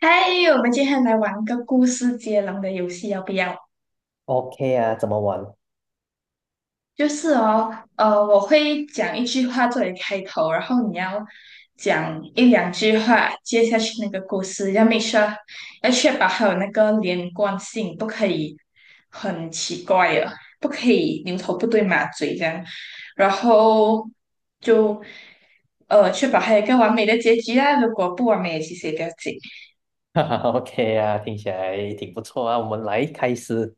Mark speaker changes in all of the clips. Speaker 1: 嗨，我们今天来玩个故事接龙的游戏，要不要？
Speaker 2: OK 啊，怎么玩？
Speaker 1: 我会讲一句话作为开头，然后你要讲一两句话接下去那个故事，要 make sure 要确保还有那个连贯性，不可以很奇怪的，不可以牛头不对马嘴这样，然后就呃确保还有一个完美的结局啊，如果不完美，其实也不要紧。
Speaker 2: 哈哈？OK 啊，听起来挺不错啊。我们来开始，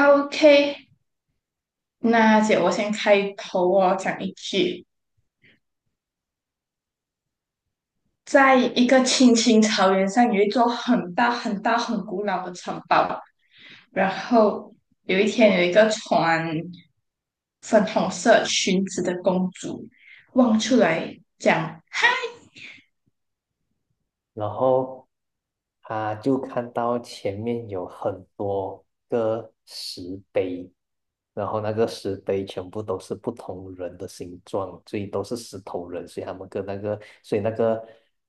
Speaker 1: OK，那姐，我先开头哦，讲一句，在一个青青草原上，有一座很大很大很古老的城堡。然后有一天，有一个穿粉红色裙子的公主望出来讲，
Speaker 2: 然后他就看到前面有很多个石碑，然后那个石碑全部都是不同人的形状，所以都是石头人，所以他们跟那个，所以那个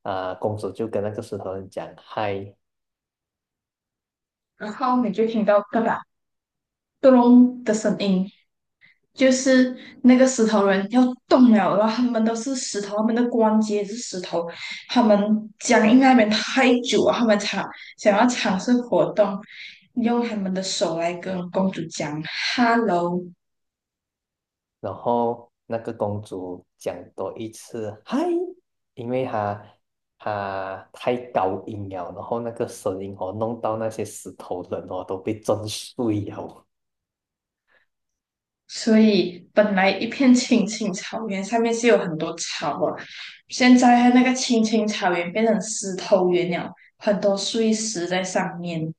Speaker 2: 公主就跟那个石头人讲嗨。
Speaker 1: 然后你就听到嘎啦咚隆的声音，就是那个石头人要动了，然后他们都是石头，他们的关节也是石头，他们僵硬在那边太久了，他们想要尝试活动，用他们的手来跟公主讲 "hello"。
Speaker 2: 然后那个公主讲多一次"嗨"，因为她太高音了，然后那个声音哦，弄到那些石头人哦都被震碎了。
Speaker 1: 所以本来一片青青草原，上面是有很多草啊，现在那个青青草原变成石头原了，很多碎石在上面。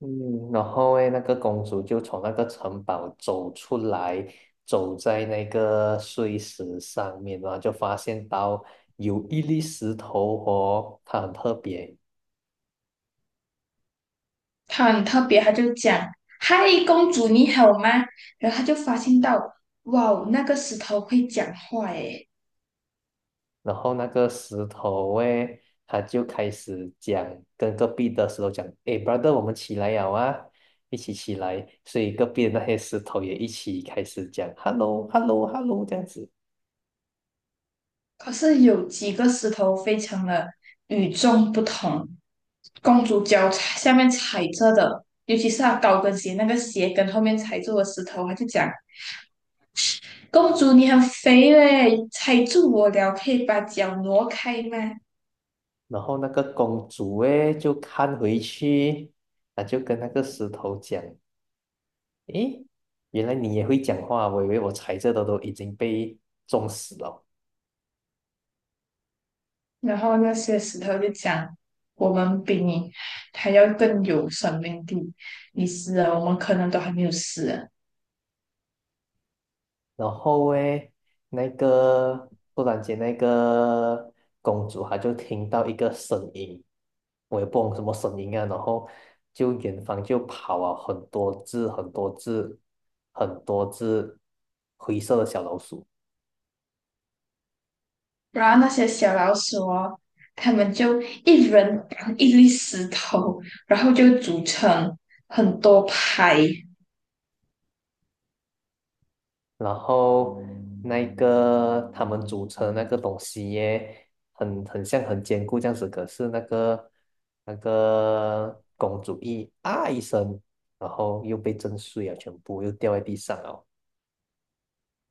Speaker 2: 嗯，然后诶，那个公主就从那个城堡走出来，走在那个碎石上面，然后就发现到有一粒石头哦，它很特别。
Speaker 1: 他很特别，他就讲："嗨，公主你好吗？"然后他就发现到，哇哦，那个石头会讲话诶，
Speaker 2: 然后那个石头诶，他就开始讲，跟隔壁的石头讲，诶，brother，我们起来呀，啊，一起起来。所以隔壁的那些石头也一起开始讲，hello，hello，hello 这样子。
Speaker 1: 可是有几个石头非常的与众不同。公主脚踩下面踩着的，尤其是她高跟鞋那个鞋跟后面踩住的石头，她就讲："公主你很肥嘞，踩住我了，可以把脚挪开吗？"
Speaker 2: 然后那个公主诶，就看回去，她就跟那个石头讲，诶，原来你也会讲话，我以为我踩这的都已经被撞死了。
Speaker 1: 然后那些石头就讲，我们比你还要更有生命力，你死了，我们可能都还没有死啊。
Speaker 2: 然后诶，突然间那个公主她就听到一个声音，我也不懂什么声音啊，然后就远方就跑了很多只灰色的小老鼠。
Speaker 1: 然后那些小老鼠哦，他们就一人扛一粒石头，然后就组成很多排。
Speaker 2: 然后他们组成那个东西耶，很像很坚固这样子，可是那个公主一啊一声，然后又被震碎啊，全部又掉在地上了。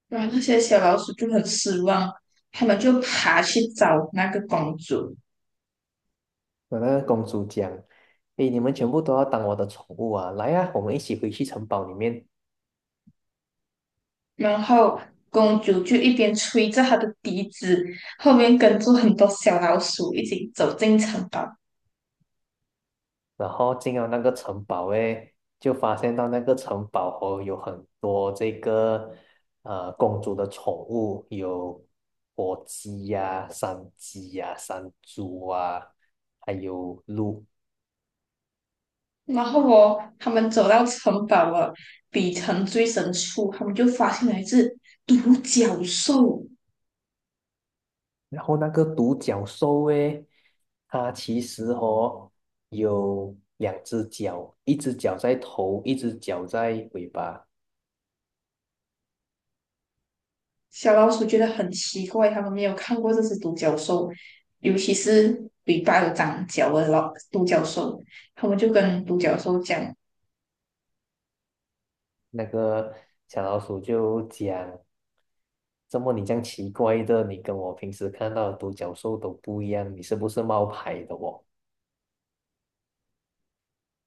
Speaker 1: 然后那些小老鼠就很失望，他们就爬去找那个公主，
Speaker 2: 那那个公主讲："诶，你们全部都要当我的宠物啊！来啊，我们一起回去城堡里面。"
Speaker 1: 然后公主就一边吹着她的笛子，后面跟着很多小老鼠一起走进城堡。
Speaker 2: 然后进了那个城堡诶，就发现到那个城堡哦有很多这个公主的宠物，有火鸡呀、山鸡呀、山猪啊，还有鹿。
Speaker 1: 然后哦，他们走到城堡了，底层最深处，他们就发现了一只独角兽。
Speaker 2: 然后那个独角兽诶，它其实哦有两只脚，一只脚在头，一只脚在尾巴。
Speaker 1: 小老鼠觉得很奇怪，他们没有看过这只独角兽，尤其是尾巴有长角的老独角兽。他们就跟独角兽讲：
Speaker 2: 那个小老鼠就讲，怎么你这样奇怪的？你跟我平时看到的独角兽都不一样，你是不是冒牌的哦？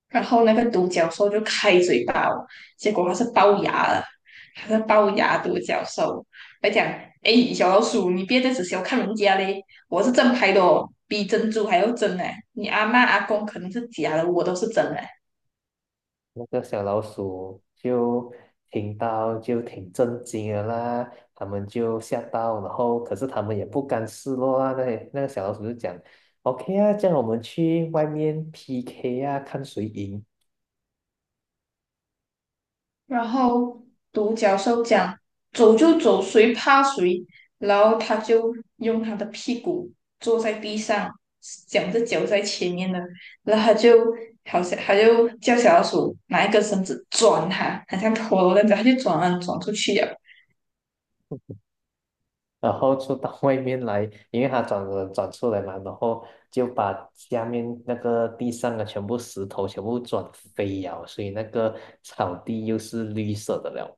Speaker 1: 然后那个独角兽就开嘴巴我，结果它是龅牙了，它是龅牙独角兽。它讲："哎，小老鼠，你别再只小看人家嘞，我是正牌的哦，比珍珠还要真哎！你阿妈阿公可能是假的，我都是真的。"
Speaker 2: 那个小老鼠就听到就挺震惊的啦，他们就吓到，然后可是他们也不甘示弱啊。那那个小老鼠就讲，OK 啊，这样我们去外面 PK 啊，看谁赢。
Speaker 1: 然后独角兽讲走就走，谁怕谁？然后他就用他的屁股坐在地上，两只脚在前面的，然后他就好像他就叫小老鼠拿一根绳子转他，好像陀螺那样子，他就转啊转出去了。
Speaker 2: 然后就到外面来，因为它转转转出来嘛，然后就把下面那个地上的全部石头全部转飞了，所以那个草地又是绿色的了。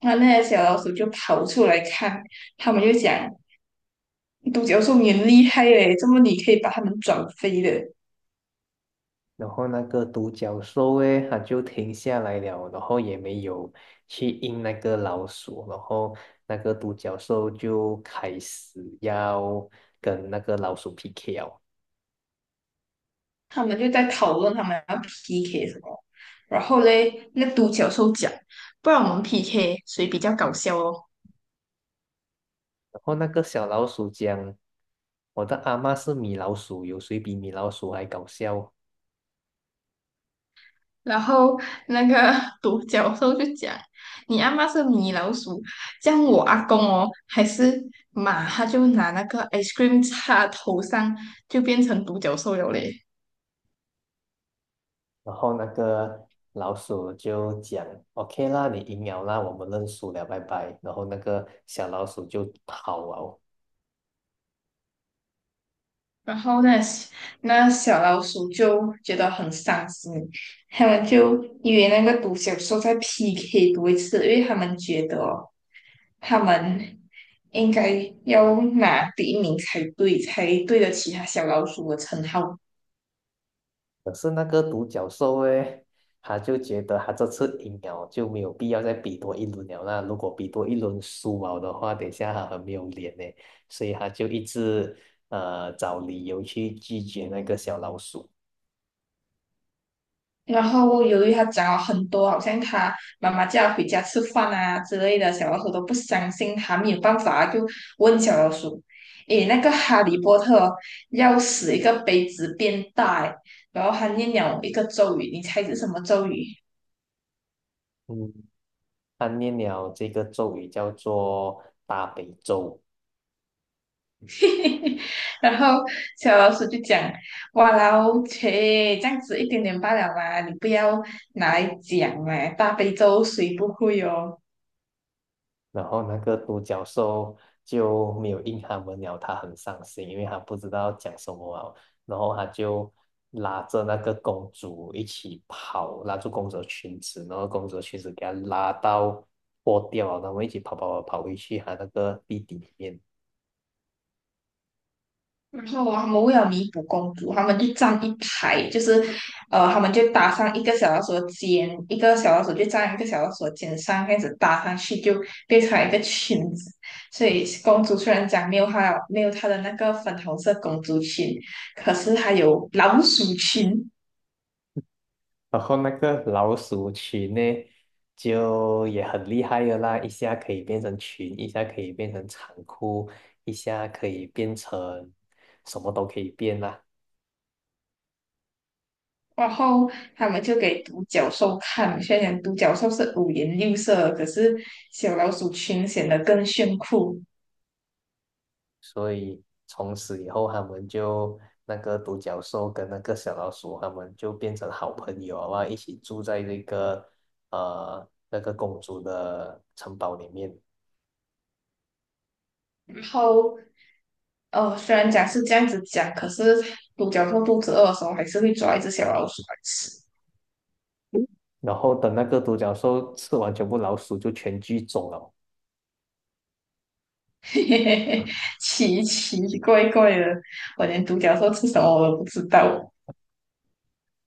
Speaker 1: 那那些小老鼠就跑出来看，他们就讲独角兽你很厉害嘞，怎么你可以把它们转飞的。
Speaker 2: 然后那个独角兽诶，它就停下来了，然后也没有去应那个老鼠，然后那个独角兽就开始要跟那个老鼠 PK 了。
Speaker 1: 他们就在讨论他们要 PK 什么，然后嘞，那独角兽讲，不然我们 PK 谁比较搞笑哦。
Speaker 2: 然后那个小老鼠讲："我的阿嬷是米老鼠，有谁比米老鼠还搞笑？"
Speaker 1: 然后那个 独角兽就讲，你阿妈是米老鼠，这样我阿公哦还是马，他就拿那个 ice cream 擦头上，就变成独角兽了嘞。
Speaker 2: 然后那个老鼠就讲："OK 啦，你赢了啦，我们认输了，拜拜。"然后那个小老鼠就跑了。
Speaker 1: 然后那小老鼠就觉得很伤心，他们就以为那个独角兽在 PK 多一次，因为他们觉得哦他们应该要拿第一名才对，才对得起他小老鼠的称号。
Speaker 2: 可是那个独角兽诶，他就觉得他这次赢了就没有必要再比多一轮了，那如果比多一轮输了的话，等一下他很没有脸呢，所以他就一直找理由去拒绝那个小老鼠。
Speaker 1: 然后由于他讲了很多，好像他妈妈叫他回家吃饭啊之类的，小老鼠都不相信他，没有办法，就问小老鼠："诶，那个哈利波特哦要使一个杯子变大诶，然后他念了一个咒语，你猜是什么咒语？"
Speaker 2: 嗯，他念了这个咒语叫做大悲咒。
Speaker 1: 然后小老鼠就讲："哇啦哦切，这样子一点点罢了嘛，你不要拿来讲嘛，大悲咒谁不会哦？"
Speaker 2: 然后那个独角兽就没有应他们了，他很伤心，因为他不知道讲什么啊。然后他就拉着那个公主一起跑，拉住公主的裙子，然后公主的裙子给她拉到破掉了，然后一起跑跑跑跑回去他那个地底里面。
Speaker 1: 然后啊他们为了弥补公主，他们就站一排，他们就搭上一个小老鼠的肩，一个小老鼠就站一个小老鼠的肩上，这样子搭上去就变成一个裙子。所以公主虽然讲没有她的那个粉红色公主裙，可是她有老鼠裙。
Speaker 2: 然后那个老鼠群呢，就也很厉害的啦，一下可以变成群，一下可以变成长裤，一下可以变成什么都可以变啦。
Speaker 1: 然后他们就给独角兽看，虽然独角兽是五颜六色，可是小老鼠裙显得更炫酷。
Speaker 2: 所以从此以后，他们就那个独角兽跟那个小老鼠，他们就变成好朋友啊，一起住在这个那个公主的城堡里面。
Speaker 1: 然后哦，虽然讲是这样子讲，可是独角兽肚子饿的时候还是会抓一只小老鼠来吃。
Speaker 2: 然后等那个独角兽吃完全部老鼠，就全剧终了。
Speaker 1: 嘿嘿嘿，奇奇怪怪的，我连独角兽吃什么我都不知道。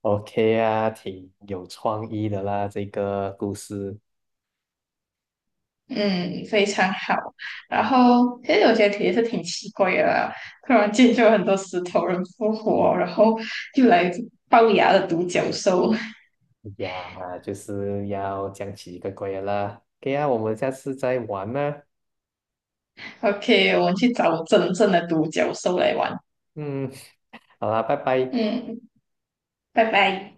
Speaker 2: OK 啊，挺有创意的啦，这个故事
Speaker 1: 嗯，非常好。然后其实觉得题也是挺奇怪的啦，突然间就有很多石头人复活，然后又来一只龅牙的独角兽。
Speaker 2: 呀，就是要讲几个怪的啦。OK 啊，我们下次再玩啦。
Speaker 1: OK，我们去找真正的独角兽来玩。
Speaker 2: 嗯，好啦，拜拜。
Speaker 1: 嗯，拜拜。